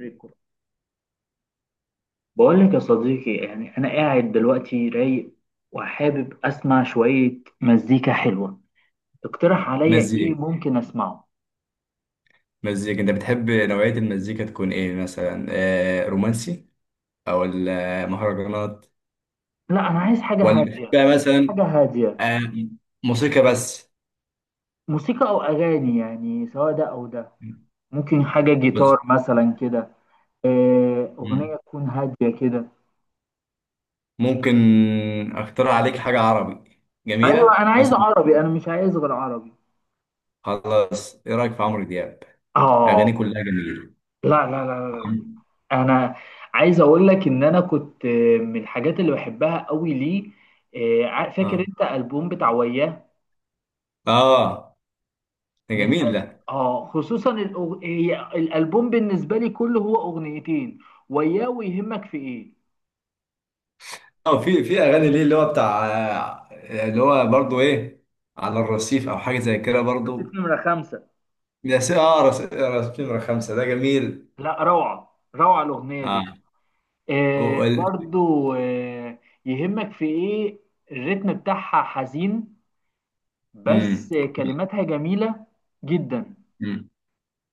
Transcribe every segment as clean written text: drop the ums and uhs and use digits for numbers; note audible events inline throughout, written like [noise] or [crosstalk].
ريكورد. بقول لك يا صديقي، يعني انا قاعد دلوقتي رايق وحابب اسمع شوية مزيكا حلوة. اقترح عليا ايه مزيكا ممكن اسمعه؟ مزيكا انت بتحب نوعية المزيكا تكون ايه مثلا؟ رومانسي، او المهرجانات، لا، انا عايز حاجة ولا هادية. بتحبها حاجة مثلا؟ هادية. آه. موسيقى بس موسيقى او اغاني، يعني سواء ده او ده. ممكن حاجة جيتار بس مثلا كده. مم. اغنية تكون هادية كده. ممكن اقترح عليك حاجة عربي ايوه، جميلة انا عايز مثلا. عربي، انا مش عايز غير عربي. خلاص، ايه رأيك في عمرو دياب؟ اه. اغانيه كلها جميلة. لا لا لا لا. عم- انا عايز اقول لك ان انا كنت من الحاجات اللي بحبها قوي ليه. فاكر اه. انت البوم بتاع وياه؟ اه. ده من جميل ده. اه خصوصا هي الالبوم بالنسبه لي كله هو اغنيتين: وياه، ويهمك في ايه. اه. في اغاني ليه اللي هو بتاع، اللي هو برضو ايه، على الرصيف او حاجة زي كده رصيف برضو. نمرة 5. ده نمرة خمسة ده جميل. لا، روعه روعه الاغنيه دي. اه. آه، وال... برضو، آه. يهمك في ايه، الريتم بتاعها حزين مم. بس كلماتها جميله جدا. مم.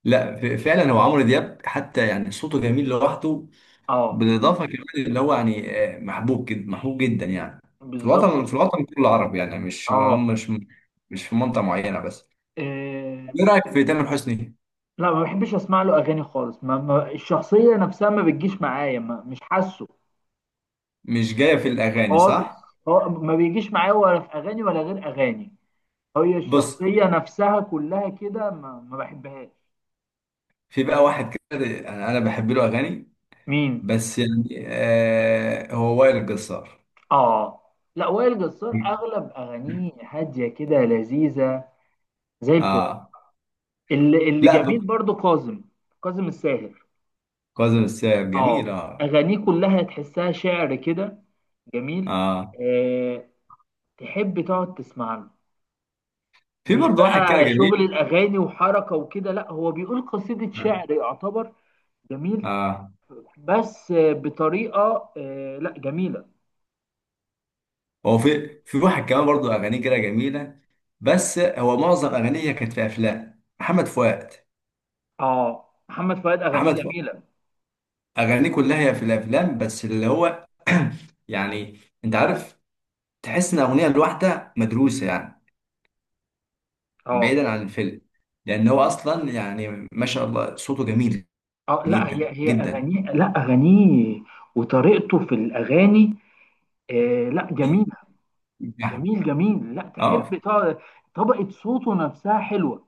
لا، فعلا هو عمرو دياب، حتى يعني صوته جميل لوحده. اه، بالاضافه كمان اللي هو يعني محبوب جدا، محبوب جدا يعني. في بالظبط الوطن في كده، الوطن كله عربي، يعني مش اه. م- مش مش في منطقه معينه بس. آه، ايه رايك في تامر حسني؟ لا، ما بحبش اسمع له اغاني خالص، ما الشخصيه نفسها ما بتجيش معايا، ما، مش حاسه. مش جايه في الاغاني، خالص. صح؟ هو ما بيجيش معايا ولا في اغاني ولا غير اغاني، هي بص، الشخصيه نفسها كلها كده ما بحبهاش. في بقى واحد كده، انا بحب له اغاني، مين؟ بس يعني هو وائل الجسار. اه. لا، وائل جسار اغلب اغانيه هاديه كده، لذيذه زي الفل. اه. اللي لا، جميل برضو كاظم. كاظم الساهر. كاظم الساهر اه. جميل. اه. اغانيه كلها تحسها شعر كده، جميل. اه. آه، تحب تقعد تسمع له. في مش برضه واحد كده بقى شغل جميل. الاغاني وحركه وكده، لا، هو بيقول قصيده اه. شعر يعتبر، جميل. آه. بس بطريقه، لا، جميله. هو في واحد كمان برضه اغانيه كده جميله، بس هو معظم اغانيه كانت في افلام محمد فؤاد. اه، محمد فؤاد اغانيه محمد فؤاد جميله. اغانيه كلها هي في الافلام، بس اللي هو [clears throat] يعني انت عارف، تحس ان الاغنيه الواحده مدروسه يعني، اه. بعيدا عن الفيلم، لان هو اصلا يعني ما شاء الله صوته جميل اه، لا، هي جدا هي جدا اغانيه، لا اغانيه وطريقته في الاغاني، لا، جميله. يعني. جميل جميل، لا، تحب اه. طبقه صوته نفسها حلوه.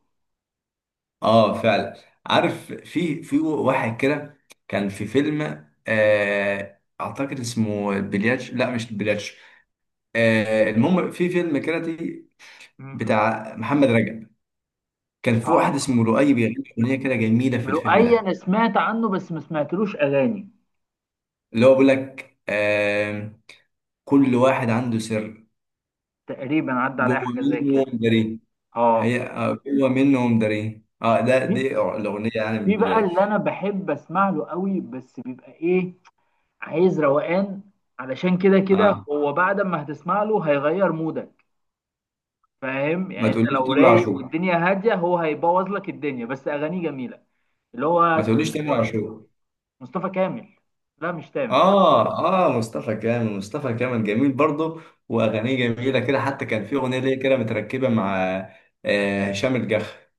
اه. فعلا. عارف، في واحد كده كان في فيلم، اعتقد اسمه بلياتش. لا، مش بلياتش. المهم، في فيلم كاراتي مم. بتاع محمد رجب. كان في اه، واحد اسمه لؤي بيغني اغنيه كده جميله في الفيلم لؤي ده، انا سمعت عنه بس ما سمعتلوش اغاني. اللي هو بيقول لك كل واحد عنده سر، تقريبا عدى عليا جوه حاجه زي كده، منهم داري. اه. هي جوه منهم داري. اه، ده في دي الاغنيه يعني من في بقى البدايه. اللي انا بحب اسمع له قوي بس بيبقى ايه، عايز روقان، علشان كده كده اه. هو بعد ما هتسمع له هيغير مودك. فاهم ما يعني، انت تقوليش لو تامر رايق عاشور. والدنيا هاديه هو هيبوظ لك الدنيا، بس اغانيه جميله. اللي هو ما اسمه تقوليش تامر آه، عاشور. مصطفى كامل، لا مش تامر. اه. اه. مصطفى كامل. مصطفى كامل جميل برضه، واغانيه جميله كده، حتى كان في اغنيه ليه كده متركبه مع هشام الجح.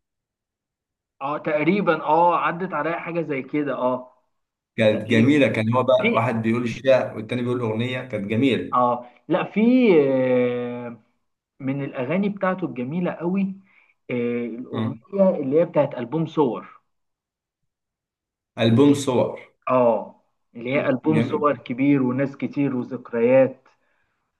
اه، تقريبا، اه، عدت عليا حاجه زي كده، اه، كانت تقريبا. جميله. كان هو بقى في. واحد بيقول الشعر والتاني بيقول اغنيه، كانت جميله. اه، لا، في، آه، من الاغاني بتاعته الجميله قوي، آه، مم. الاغنيه اللي هي بتاعت البوم صور. البوم صور اه، اللي هي ألبوم صور جميل. كبير وناس كتير وذكريات،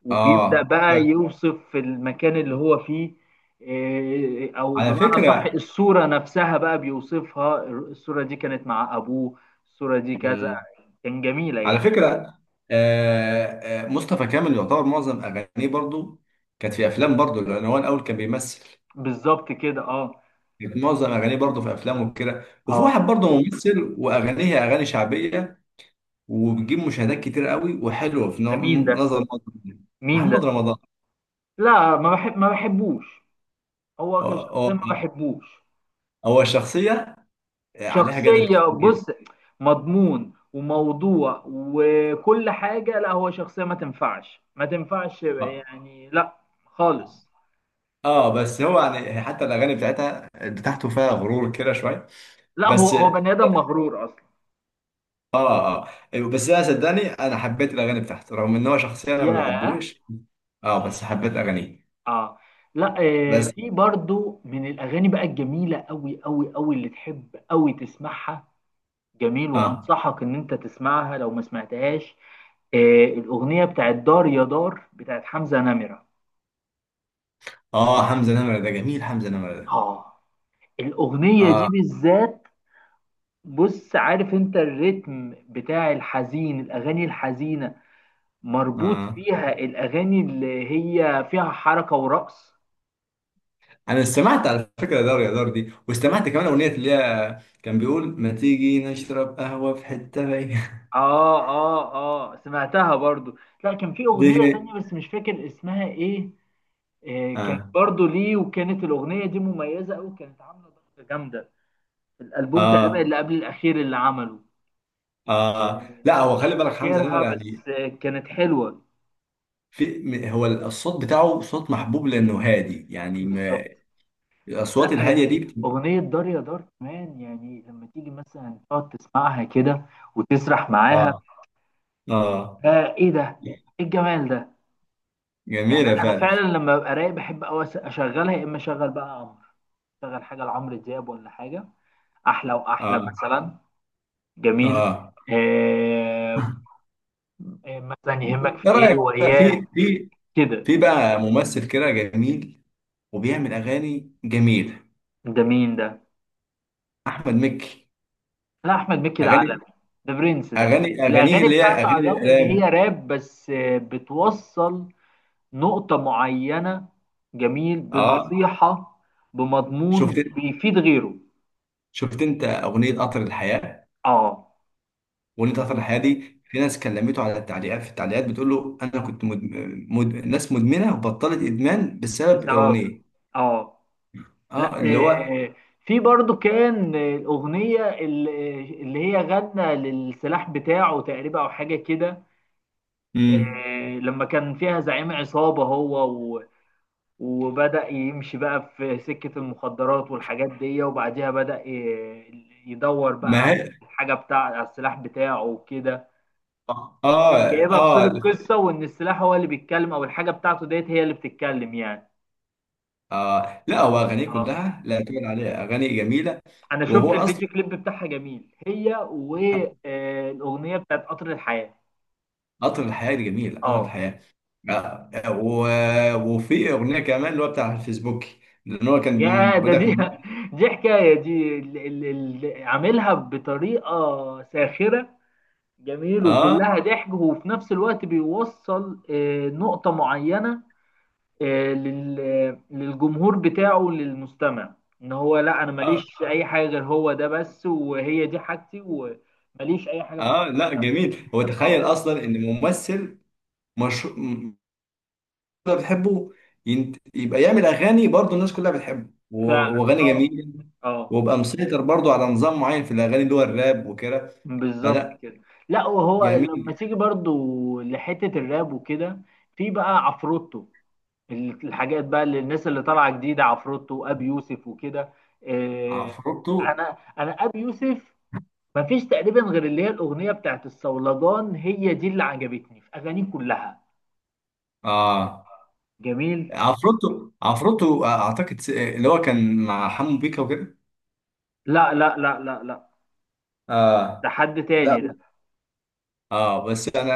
وبيبدأ اه. بقى يوصف المكان اللي هو فيه. او على بمعنى صح، فكره. الصورة نفسها بقى بيوصفها، الصورة دي كانت مع ابوه، الصورة دي كذا، مم. كان جميلة على يعني. فكره. آه. آه. مصطفى كامل يعتبر معظم اغانيه برضه كانت في افلام برضه، لان هو الاول كان بيمثل. بالظبط كده، اه. كانت معظم اغانيه برضه في افلام وكده، وفي اه. واحد برضه ممثل واغانيه اغاني شعبيه، وبتجيب مشاهدات كتير قوي وحلوه. في ده مين ده؟ نظر مين ده؟ محمد رمضان. لا، ما بحب، ما بحبوش، هو هو هو كشخصيا ما بحبوش. هو شخصيه عليها جدل شخصية كتير بص، جدا. مضمون وموضوع وكل حاجة، لا، هو شخصية ما تنفعش، ما تنفعش اه. يعني، لا، خالص. بس هو يعني حتى الاغاني بتاعتها بتاعته فيها غرور كده شويه. لا، هو بس. هو اه. بني آدم مغرور أصلا. اه. آه. بس انا صدقني، انا حبيت الاغاني بتاعته رغم ان هو شخصيه انا ما ياه. بحبوش. اه. بس حبيت اغانيه. اه. لا، بس. في برضو من الأغاني بقى الجميلة أوي أوي أوي اللي تحب أوي تسمعها، جميل، اه. وأنصحك إن أنت تسمعها لو ما سمعتهاش. آه، الأغنية بتاعت دار يا دار بتاعت حمزة نمرة. اه. حمزه نمره ده جميل. حمزه نمره ده. اه، الأغنية دي اه. بالذات، بص، عارف انت الريتم بتاع الحزين، الاغاني الحزينه مربوط آه. فيها الاغاني اللي هي فيها حركه ورقص. انا استمعت على فكره دار يا دار دي، واستمعت كمان اغنيه اللي هي كان بيقول ما تيجي نشرب قهوه في حته رايقه. اه اه اه، سمعتها برضو. لا، كان في [laughs] دي اغنيه تانية بس مش فاكر اسمها ايه. آه، كانت اه. برضو ليه، وكانت الاغنيه دي مميزه قوي، كانت عامله ضجه جامده في الالبوم تقريبا اه. اللي قبل الاخير اللي عمله. اه. آه، لا، هو مش خلي بالك حمزه فاكرها نمره يعني بس آه كانت حلوه. هو الصوت بتاعه صوت محبوب لانه هادي يعني، بالظبط. ما الاصوات لا، الهاديه دي أغنية دار يا دار كمان، يعني لما تيجي مثلا تقعد تسمعها كده وتسرح اه. معاها، اه. آه، إيه ده؟ إيه الجمال ده؟ يعني جميله أنا فعلا. فعلا لما ببقى رايق بحب أوي أشغلها، يا إما أشغل بقى عمرو، أشغل حاجة لعمرو دياب ولا حاجة أحلى اه. وأحلى مثلا. جميل. اه. آه. [laughs] مثلا يهمك في ايه إيه رايك بقى وإياه في، كده. في بقى ممثل كده جميل وبيعمل اغاني جميله، ده مين ده؟ احمد مكي. لا، أحمد مكي ده اغاني عالمي، ده برنس ده. اغانيه الأغاني اللي هي بتاعته على اغاني الرغم إن هي الالام. راب بس بتوصل نقطة معينة، جميل، اه. بنصيحة، شفت بمضمون بيفيد غيره. شفت انت اغنيه قطر الحياه؟ اه. اغنيه قطر الحياه دي، في ناس كلمته على التعليقات، في التعليقات بتقول له انا كنت ناس مدمنه وبطلت ادمان بسبب بسبب. اغنيه. اه. لا. اه. اللي هو آه. في برضو كان الأغنية اللي هي غنى للسلاح بتاعه تقريبا أو حاجة كده، امم لما كان فيها زعيم عصابة، هو و... وبدأ يمشي بقى في سكة المخدرات والحاجات دي، وبعديها بدأ يدور بقى ما على هي. الحاجة بتاع على السلاح بتاعه وكده، اه. اه. جايبها في صورة اه. قصة، وإن السلاح هو اللي بيتكلم أو الحاجة بتاعته ديت هي اللي بتتكلم يعني. آه. لا هو اغانيه اه. كلها، لا تقول عليها اغاني جميله. أنا شفت وهو اصلا الفيديو كليب بتاعها جميل، هي والأغنية بتاعت قطر الحياة. قطر الحياة دي جميل. قطر اه. الحياة. آه، آه، و... وفي أغنية كمان اللي هو بتاع الفيسبوك، لأن هو كان يا بيقول ده لك. دي، [laughs] دي حكاية، دي عاملها بطريقة ساخرة، جميل آه. وكلها ضحك، وفي نفس الوقت بيوصل نقطة معينة، للجمهور بتاعه، للمستمع، ان هو لا، انا آه. ماليش في اي حاجه غير هو ده بس، وهي دي حاجتي، وماليش اي حاجه في. آه. لا، جميل. هو تخيل اه أصلا إن ممثل مشهور كلها بتحبه، يبقى يعمل أغاني برضه الناس كلها بتحبه، و... فعلا، وأغاني اه. جميلة، اه ويبقى مسيطر برضه على نظام معين في الأغاني اللي هو الراب وكده. بالظبط فلا، كده. لا، وهو لما جميل. تيجي برضو لحته الراب وكده، في بقى عفروتو، الحاجات بقى اللي الناس اللي طالعه جديده، عفروتو وابي يوسف وكده، آه، عفروتو. انا انا ابي يوسف مفيش تقريبا غير اللي هي الاغنيه بتاعت الصولجان، هي دي اللي عجبتني في اغانيه كلها، آه جميل. عفروتو، أعتقد اللي هو كان مع حمو بيكا وكده. لا لا لا لا لا، ده اه. حد لا. تاني ده. اه. بس انا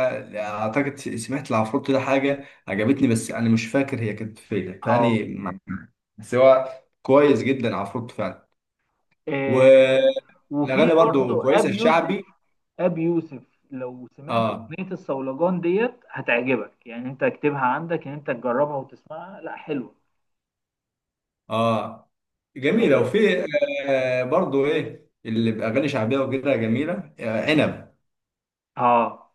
اعتقد سمعت العفروت ده حاجه عجبتني، بس انا مش فاكر هي كانت فين اه. تاني. بس هو كويس جدا عفروت فعلا، آه، وفي والاغاني برضو برضو كويسه، ابي يوسف، الشعبي. ابي يوسف لو سمعت اه. اغنيه الصولجان ديت هتعجبك، يعني انت اكتبها عندك ان انت تجربها وتسمعها، لا، حلوه. اه. جميله. اه وفي برضو ايه اللي باغاني شعبيه وكده جميله، عنب. اه.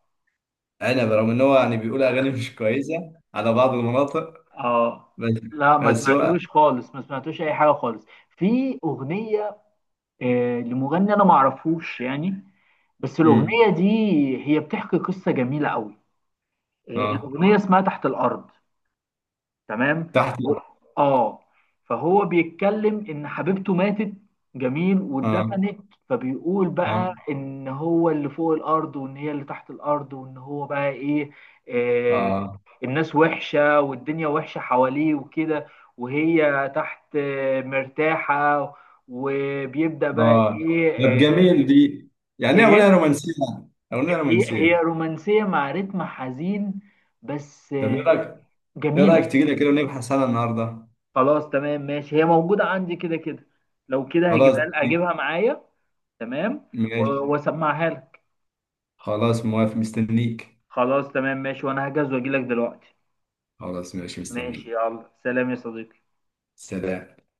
عنب رغم ان هو يعني بيقول اغاني مش كويسه على بعض المناطق، آه. بس. لا، ما بس هو سمعتلوش خالص، ما سمعتلوش اي حاجه خالص في اغنيه، لمغني انا ما اعرفوش يعني، بس الاغنيه امم دي هي بتحكي قصه جميله قوي، اه. الاغنيه اسمها تحت الارض. تمام. تحت. و. اه. فهو بيتكلم ان حبيبته ماتت، جميل، اه. واتدفنت، فبيقول بقى اه. ان هو اللي فوق الارض وان هي اللي تحت الارض، وان هو بقى ايه، آه، اه. الناس وحشه والدنيا وحشه حواليه وكده، وهي تحت مرتاحه، وبيبدأ بقى اه. طب ايه. آه، جميل دي. يعني ايه؟ ايه. اغنيه رومانسيه؟ اغنيه هي هي رومانسيه. رومانسيه مع رتم حزين بس، طب ايه رايك، جميله. تيجي لي كده ونبحث عنها النهارده؟ خلاص تمام ماشي، هي موجوده عندي كده كده، لو كده خلاص، هجيبها، اجيبها معايا. تمام. ماشي. واسمعها لك. خلاص، موافق، مستنيك. خلاص تمام ماشي، وانا هجهز واجي لك دلوقتي. خلاص، ماشي، ماشي، مستنيك. يلا سلام يا صديقي. سلام.